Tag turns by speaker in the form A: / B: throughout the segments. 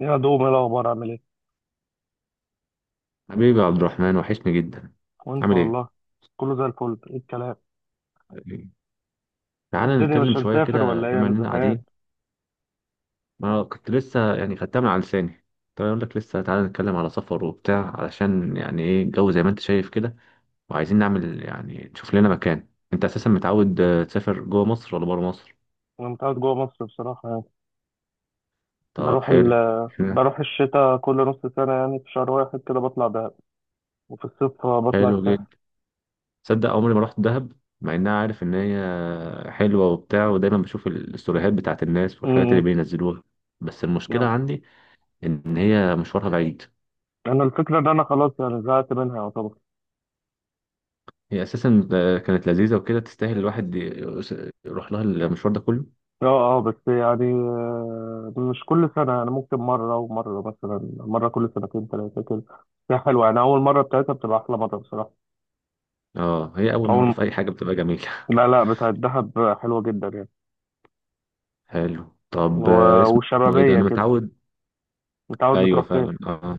A: يا دوب، ايه الاخبار؟ عامل ايه؟
B: حبيبي يا عبد الرحمن وحشني جدا.
A: وانت
B: عامل ايه؟
A: والله. كله زي الفل. ايه الكلام؟
B: حبيبي. تعالى
A: الدنيا مش
B: نتكلم شوية
A: هنسافر
B: كده
A: ولا ايه؟
B: بما
A: انا
B: اننا
A: زهقان.
B: قاعدين. انا كنت لسه يعني خدتها من على لساني. طيب اقول لك لسه تعالى نتكلم على سفر وبتاع علشان يعني ايه الجو زي ما انت شايف كده، وعايزين نعمل يعني نشوف لنا مكان. انت اساسا متعود تسافر جوه مصر ولا بره مصر؟
A: انا متعود جوه مصر بصراحه يعني.
B: طب
A: بروح ال...
B: حلو. اشمعنى؟
A: بروح الشتاء كل نص سنه، يعني في شهر واحد كده بطلع دهب، وفي الصيف بطلع
B: حلو جدا.
A: الساحل.
B: تصدق عمري ما رحت دهب، مع انها عارف ان هي حلوة وبتاع ودايما بشوف الستوريهات بتاعت الناس والحاجات اللي
A: امم.
B: بينزلوها. بس المشكلة
A: اه.
B: عندي ان هي مشوارها بعيد.
A: انا الفكره ان انا خلاص يعني زهقت منها يعتبر.
B: هي اساسا كانت لذيذه وكده تستاهل الواحد يروح لها المشوار ده كله.
A: اه اه، بس يعني، مش كل سنه، يعني ممكن مره ومره، مثلا مره كل سنتين ثلاثه كده. هي حلوه، يعني اول مره بتاعتها بتبقى احلى مره بصراحه.
B: اه هي اول مره
A: اول.
B: في اي حاجه بتبقى جميله.
A: لا لا، بتاعت دهب حلوه جدا يعني.
B: حلو. طب اسمه ايه ده.
A: وشبابية
B: انا
A: كده.
B: متعود.
A: متعود
B: ايوه
A: بتروح فين؟
B: فعلا، اه.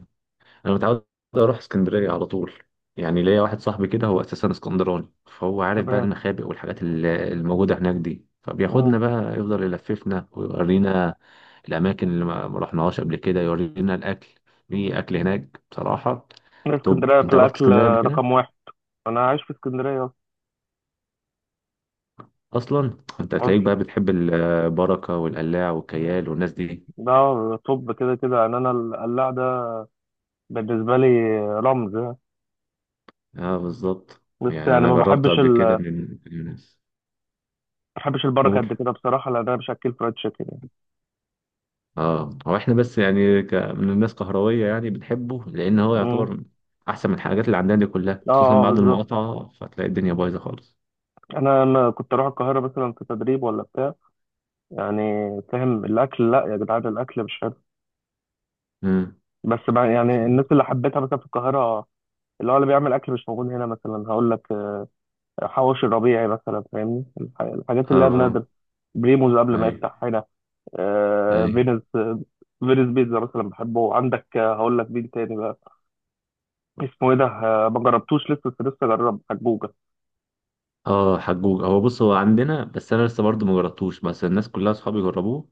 B: انا متعود اروح اسكندريه على طول. يعني ليا واحد صاحبي كده هو اساسا اسكندراني، فهو عارف بقى
A: تمام.
B: المخابئ والحاجات الموجوده هناك دي، فبياخدنا
A: مم.
B: بقى يفضل يلففنا ويورينا الاماكن اللي ما رحناهاش قبل كده، يورينا الاكل. في اكل هناك بصراحه. طب
A: اسكندرية في
B: انت رحت
A: الأكل
B: اسكندريه قبل كده.
A: رقم واحد. أنا عايش في اسكندرية
B: اصلا انت هتلاقيك
A: أصلا.
B: بقى بتحب البركه والقلاع والكيال والناس دي.
A: ده طب كده كده يعني. أنا القلاع ده بالنسبة لي رمز يعني.
B: اه بالظبط،
A: بس
B: يعني
A: يعني
B: انا جربته قبل كده
A: ما
B: من الناس.
A: بحبش البركة
B: قول.
A: قد كده بصراحة، لأن أنا مش أكل فرايد تشيكن يعني.
B: اه، هو احنا بس يعني من الناس كهرويه يعني بنحبه لان هو
A: مم.
B: يعتبر احسن من الحاجات اللي عندنا دي كلها،
A: اه
B: خصوصا
A: اه
B: بعد
A: بالظبط.
B: المقاطعه فتلاقي الدنيا بايظه خالص.
A: أنا كنت اروح القاهره مثلا في تدريب ولا بتاع يعني، فاهم؟ الاكل، لا يا جدعان، الاكل مش حلو.
B: امم.
A: بس بقى يعني الناس اللي حبيتها مثلا في القاهره، اللي هو اللي بيعمل اكل مش موجود هنا مثلا، هقول لك: حواوشي الربيعي مثلا، فاهمني؟ الحاجات اللي هي النادر،
B: اه.
A: بريموز قبل ما
B: ايوه
A: يفتح هنا،
B: ايوه.
A: فينوس. فينوس بيتزا مثلا بحبه عندك. هقول لك مين تاني بقى، اسمه ايه ده؟ ما جربتوش لسه، بس لسه جرب حجوجة.
B: اه حجوج، هو بص هو عندنا، بس انا لسه برضه ما جربتوش، بس الناس كلها اصحابي جربوه.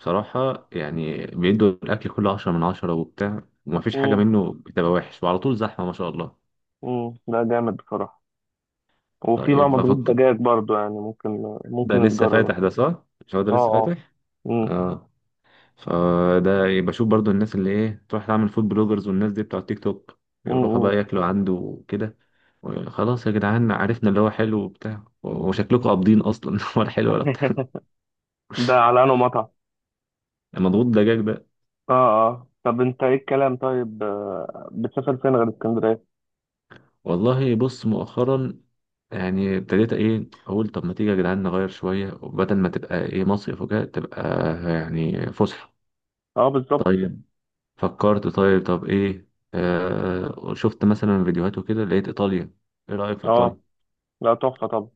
B: بصراحه يعني بيدوا الاكل كله 10 من 10 وبتاع، ومفيش حاجه
A: امم
B: منه بتبقى وحش، وعلى طول زحمه ما شاء الله.
A: ده جامد بصراحة. وفي
B: طيب
A: بقى مضغوط
B: بفكر.
A: دجاج برضو، يعني ممكن.
B: ده
A: ممكن
B: لسه
A: تجربه.
B: فاتح ده، صح؟ مش هو ده
A: اه.
B: لسه
A: اه.
B: فاتح.
A: مم،
B: اه. فده يبقى شوف برضه الناس اللي ايه، تروح تعمل فود بلوجرز والناس دي بتوع التيك توك،
A: مم،
B: يروحوا
A: مم.
B: بقى ياكلوا عنده وكده. خلاص يا جدعان عرفنا اللي هو حلو وبتاع، وشكلكم قابضين اصلا ولا حلو ولا بتاع.
A: ده على انه مطعم.
B: مضغوط دجاج ده.
A: اه. اه طب انت ايه الكلام طيب، بتسافر فين غير اسكندرية؟
B: والله بص، مؤخرا يعني ابتديت ايه اقول، طب ما تيجي يا جدعان نغير شويه، وبدل ما تبقى ايه مصيف وكده تبقى يعني فسحه.
A: اه بالظبط.
B: طيب فكرت طيب، طب ايه؟ شفت مثلا فيديوهات وكده لقيت ايطاليا. ايه رايك في
A: اه
B: ايطاليا؟
A: لا تحفة طبعا.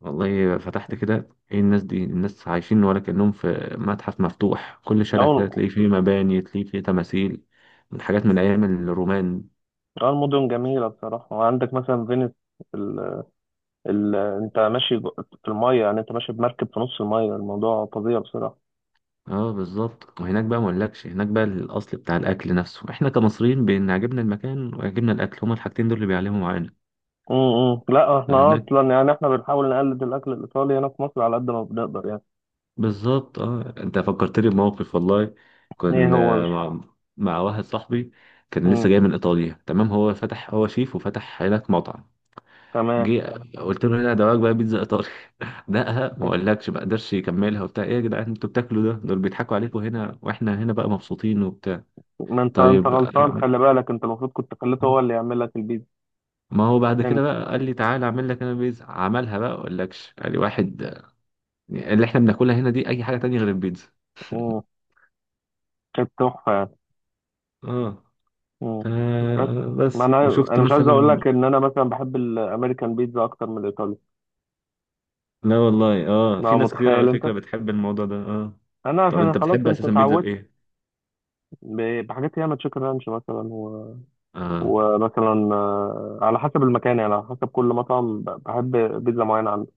B: والله فتحت كده، ايه الناس دي، الناس عايشين ولا كانهم في متحف مفتوح، كل شارع كده
A: أو.
B: تلاقي فيه مباني تلاقي فيه تماثيل من حاجات من ايام الرومان.
A: أو المدن جميلة بصراحة، وعندك مثلا فينيس. ال... ال... أنت ماشي جو- في المية، يعني أنت ماشي بمركب في نص المية، الموضوع فظيع بصراحة.
B: اه بالظبط، وهناك بقى ما اقولكش، هناك بقى الاصل بتاع الاكل نفسه، احنا كمصريين بان عجبنا المكان وعجبنا الاكل، هما الحاجتين دول اللي بيعلموا معانا.
A: لا احنا
B: فهناك
A: اصلا يعني احنا بنحاول نقلد الاكل الايطالي هنا في مصر على قد ما بنقدر يعني.
B: بالظبط. اه انت فكرتني بموقف والله،
A: ايه هو يا
B: كنا
A: باشا؟
B: مع واحد صاحبي كان لسه
A: امم.
B: جاي من ايطاليا، تمام هو فتح، هو شيف وفتح هناك مطعم.
A: تمام.
B: جه قلت له، هنا دواك بقى بيتزا ايطالي. دقها ما اقولكش، ما قدرش يكملها وبتاع، ايه يا جدعان انتوا بتاكلوا ده، دول بيضحكوا عليكم، هنا واحنا هنا بقى مبسوطين وبتاع.
A: ما انت
B: طيب
A: غلطان، خلي بالك، انت المفروض كنت خليته
B: آه،
A: هو اللي يعمل لك البيتزا.
B: ما هو بعد كده
A: فهمت.
B: بقى قال لي تعالى اعمل لك انا بيتزا، عملها بقى اقول لكش، قال لي واحد اللي احنا بناكلها هنا دي اي حاجه تانية غير البيتزا.
A: امم كانت تحفه يعني.
B: اه،
A: امم. بس ما
B: بس
A: انا
B: وشفت
A: انا مش عايز
B: مثلا.
A: اقول لك ان انا مثلا بحب الامريكان بيتزا اكتر من الايطالي.
B: لا والله اه،
A: لا
B: في ناس كتير
A: متخيل
B: على
A: انت.
B: فكره بتحب الموضوع ده، اه.
A: انا
B: طب
A: عشان
B: انت
A: خلاص
B: بتحب
A: انت
B: اساسا بيتزا
A: اتعودت.
B: بايه؟
A: بحاجات ياما، تشيكن رانش مثلا،
B: اه
A: ومثلا على حسب المكان، يعني على حسب كل مطعم بحب بيتزا معينه عنده.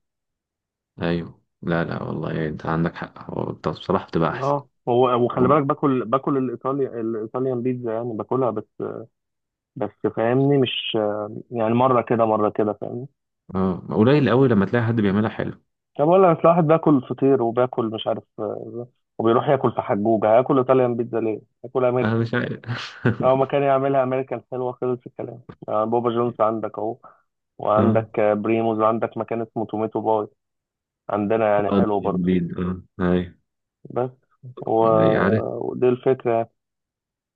B: ايوه، لا لا والله انت عندك حق، هو طب بصراحه بتبقى احسن.
A: اه هو، وخلي بالك باكل الايطالي، الايطاليان بيتزا يعني، باكلها بس. بس فاهمني؟ مش يعني، مره كده مره كده، فاهمني؟
B: اه قليل قوي لما تلاقي حد بيعملها حلو.
A: طب اقول لك، أصل واحد باكل فطير وباكل مش عارف وبيروح ياكل في حجوجه، هاكل ايطاليان بيتزا ليه؟ هاكل.
B: انا مش عارف.
A: اه، ما كان يعملها امريكا الحلوه، خلص الكلام. بابا جونز عندك اهو،
B: اه
A: وعندك بريموز، وعندك مكان اسمه توميتو باي عندنا يعني،
B: اه، ده
A: حلو برضه.
B: جديد، اه ايوه.
A: بس و...
B: أيوة، عارف.
A: ودي الفكره يعني.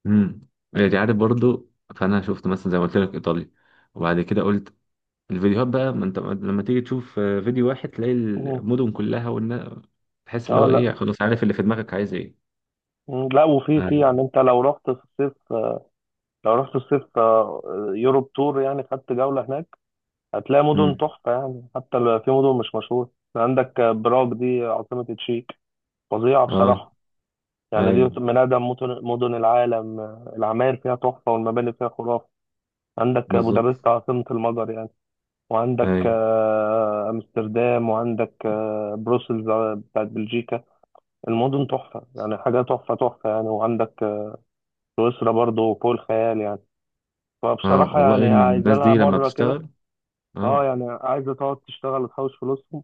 B: امم. يعني عارف برضو. فانا شفت مثلا زي ما قلت لك ايطاليا، وبعد كده قلت الفيديوهات بقى، ما انت لما تيجي تشوف فيديو واحد، تلاقي
A: مم.
B: المدن كلها والنا، تحس اللي
A: اه
B: هو ايه
A: لا.
B: خلاص، عارف اللي في دماغك عايز ايه.
A: مم. لا، وفي
B: آه.
A: في، يعني انت لو رحت في الصيف، لو رحت الصيف يوروب تور يعني، خدت جوله هناك، هتلاقي مدن
B: امم.
A: تحفه يعني. حتى في مدن مش مشهوره. عندك براغ دي عاصمه تشيك، فظيعه
B: اه
A: بصراحه. يعني
B: ايوه،
A: دي من أقدم مدن العالم. العماير فيها تحفة والمباني فيها خرافة. عندك
B: بالظبط
A: بودابست عاصمة المجر يعني. وعندك
B: ايوه.
A: أمستردام، وعندك بروسلز بتاعت بلجيكا. المدن تحفة يعني، حاجة تحفة تحفة يعني. وعندك سويسرا برضو فوق الخيال يعني.
B: اه
A: فبصراحة
B: والله
A: يعني عايزة
B: الناس
A: لها
B: دي لما
A: مرة كده.
B: بتشتغل.
A: اه
B: اه
A: يعني عايزة تقعد تشتغل وتحوش فلوسهم،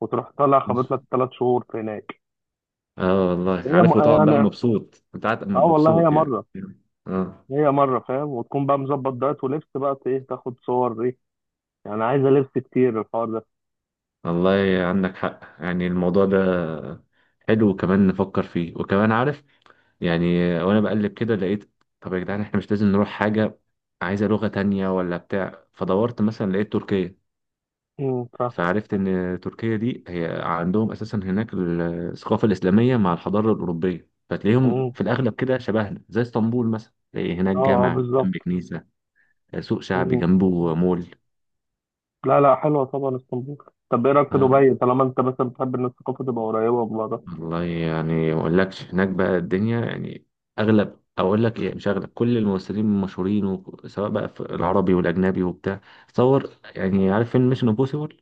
A: وتروح طالع خابط لك 3 شهور في هناك.
B: اه والله
A: هي م...
B: عارف، وتقعد بقى
A: يعني،
B: مبسوط، انت قاعد
A: اه والله، هي
B: مبسوط يعني.
A: مرة،
B: اه
A: هي مرة فاهم، وتكون بقى مظبط دايت ولبس بقى، ايه، تاخد صور ايه، يعني عايزة لبس كتير الحوار ده.
B: والله عندك حق، يعني الموضوع ده حلو، وكمان نفكر فيه، وكمان عارف يعني. وانا بقلب كده لقيت، طب يا جدعان احنا مش لازم نروح حاجة عايزة لغة تانية ولا بتاع، فدورت مثلا لقيت تركيا.
A: امم.
B: فعرفت ان تركيا دي هي عندهم اساسا هناك الثقافة الاسلامية مع الحضارة الاوروبية، فتلاقيهم
A: فاهم.
B: في الاغلب كده شبهنا، زي اسطنبول مثلا تلاقي هناك
A: اه اه
B: جامع
A: بالظبط.
B: جنب كنيسة، سوق شعبي
A: مم.
B: جنبه مول.
A: لا لا، حلوة طبعا اسطنبول. طب ايه رأيك في دبي، طالما انت مثلا بتحب ان الثقافة تبقى قريبة من بعضها؟
B: والله يعني ما اقولكش هناك بقى الدنيا يعني، اغلب اقول لك ايه مش اغلب، كل الممثلين المشهورين سواء بقى في العربي والاجنبي وبتاع، تصور يعني عارف فيلم ميشن امبوسيبل؟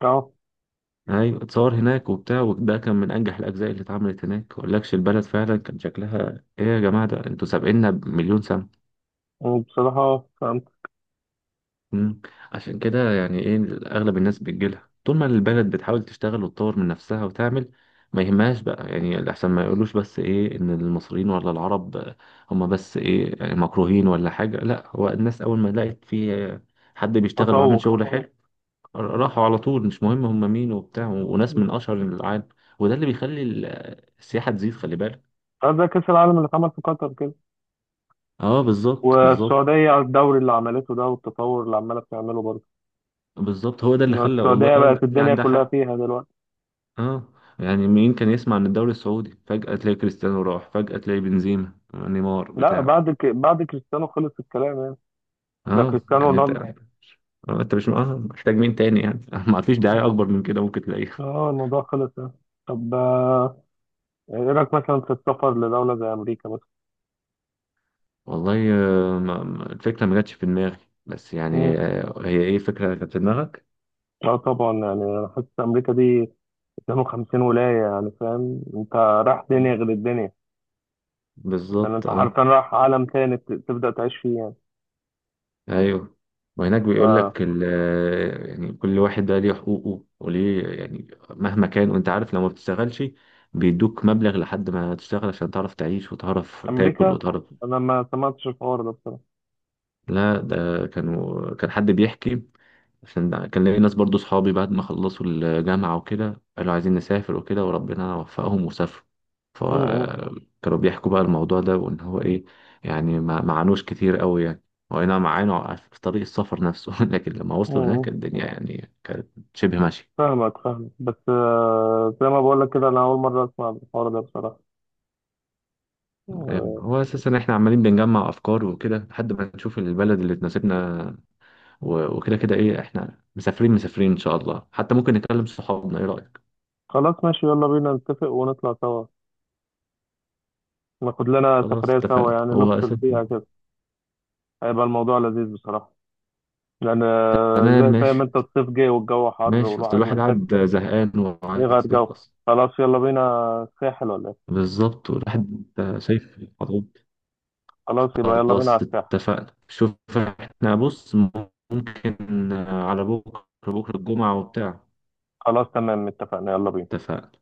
A: اه.
B: ايوه اتصور هناك وبتاع، وده كان من انجح الاجزاء اللي اتعملت، هناك ما اقولكش البلد فعلا كان شكلها ايه، يا جماعه ده انتوا سابقنا بمليون سنه.
A: وبصراحة فهمت.
B: مم. عشان كده يعني ايه، اغلب الناس بتجيلها طول ما البلد بتحاول تشتغل وتطور من نفسها وتعمل، ما يهمهاش بقى يعني الاحسن ما يقولوش بس ايه ان المصريين ولا العرب هم بس ايه يعني مكروهين ولا حاجة، لا هو الناس اول ما لقت في حد بيشتغل
A: تطور.
B: وعامل شغل حلو، راحوا على طول، مش مهم هم مين وبتاع، وناس
A: مم.
B: من اشهر العالم. وده اللي بيخلي السياحة تزيد، خلي بالك.
A: اه زي كأس العالم اللي اتعمل في قطر كده،
B: اه بالظبط بالظبط
A: والسعودية على الدوري اللي عملته ده، والتطور اللي عمالة بتعمله برضه.
B: بالظبط، هو ده اللي
A: إن
B: خلى
A: السعودية
B: والله الناس
A: بقت
B: دي
A: الدنيا
B: عندها
A: كلها
B: حق.
A: فيها دلوقتي.
B: اه يعني مين كان يسمع عن الدوري السعودي، فجأة تلاقي كريستيانو راح، فجأة تلاقي بنزيما نيمار
A: لا
B: بتاع.
A: بعد كريستيانو خلص الكلام يعني. ده
B: اه
A: كريستيانو
B: يعني
A: رونالدو.
B: انت مش محتاج مين تاني يعني ما فيش دعاية اكبر من كده ممكن تلاقيها.
A: اه الموضوع خلص يعني. طب ايه رأيك مثلا في السفر لدولة زي أمريكا مثلا؟
B: والله الفكرة ما جاتش في دماغي، بس
A: مم.
B: يعني هي ايه فكرة كانت في دماغك؟
A: اه طبعا، يعني انا حاسس امريكا دي 52 ولاية، يعني فاهم انت رايح دنيا غير الدنيا، يعني
B: بالظبط
A: انت حرفيا
B: اه
A: رايح عالم تاني، تبدأ تعيش فيه يعني.
B: ايوه. وهناك بيقول
A: ف-
B: لك يعني كل واحد بقى ليه حقوقه وليه، يعني مهما كان وانت عارف لو ما بتشتغلش بيدوك مبلغ لحد ما تشتغل، عشان تعرف تعيش وتعرف تاكل
A: أمريكا
B: وتعرف.
A: أنا ما سمعتش الحوار ده بصراحة.
B: لا ده كان حد بيحكي، عشان كان ليا ناس برضو صحابي بعد ما خلصوا الجامعة وكده قالوا عايزين نسافر وكده، وربنا وفقهم وسافروا،
A: م- م-
B: فكانوا بيحكوا بقى الموضوع ده، وإن هو إيه يعني ما عانوش كتير قوي يعني، هو أي نعم معانا في طريق السفر نفسه لكن لما
A: م-
B: وصلوا هناك
A: م.
B: الدنيا يعني كانت شبه ماشية.
A: فاهمك فاهمك، بس زي ما بقولك كده، أنا أول مرة أسمع الحوار ده بصراحة. آه،
B: هو أساسا إحنا عمالين بنجمع أفكار وكده لحد ما نشوف البلد اللي تناسبنا، وكده كده إيه، إحنا مسافرين مسافرين إن شاء الله، حتى ممكن نكلم صحابنا، إيه رأيك؟
A: خلاص ماشي، يلا بينا نتفق ونطلع سوا، ناخد لنا
B: خلاص
A: سفرية سوا
B: اتفقنا،
A: يعني،
B: هو
A: نفصل
B: أساسا
A: فيها كده. هيبقى الموضوع لذيذ بصراحة، لأن
B: تمام
A: زي
B: ماشي.
A: فاهم أنت، الصيف جاي والجو حر
B: ماشي، اصل
A: والواحد
B: الواحد
A: محتاج
B: قاعد زهقان
A: يغير
B: وعايز
A: جو.
B: يخلص.
A: خلاص يلا بينا الساحل ولا ايه؟
B: بالظبط والواحد شايف الخطوات.
A: خلاص يبقى يلا بينا على
B: خلاص
A: الساحل.
B: اتفقنا، شوف احنا بص، ممكن على بكرة، بكرة الجمعة وبتاع.
A: خلاص تمام اتفقنا، يلا بينا.
B: اتفقنا.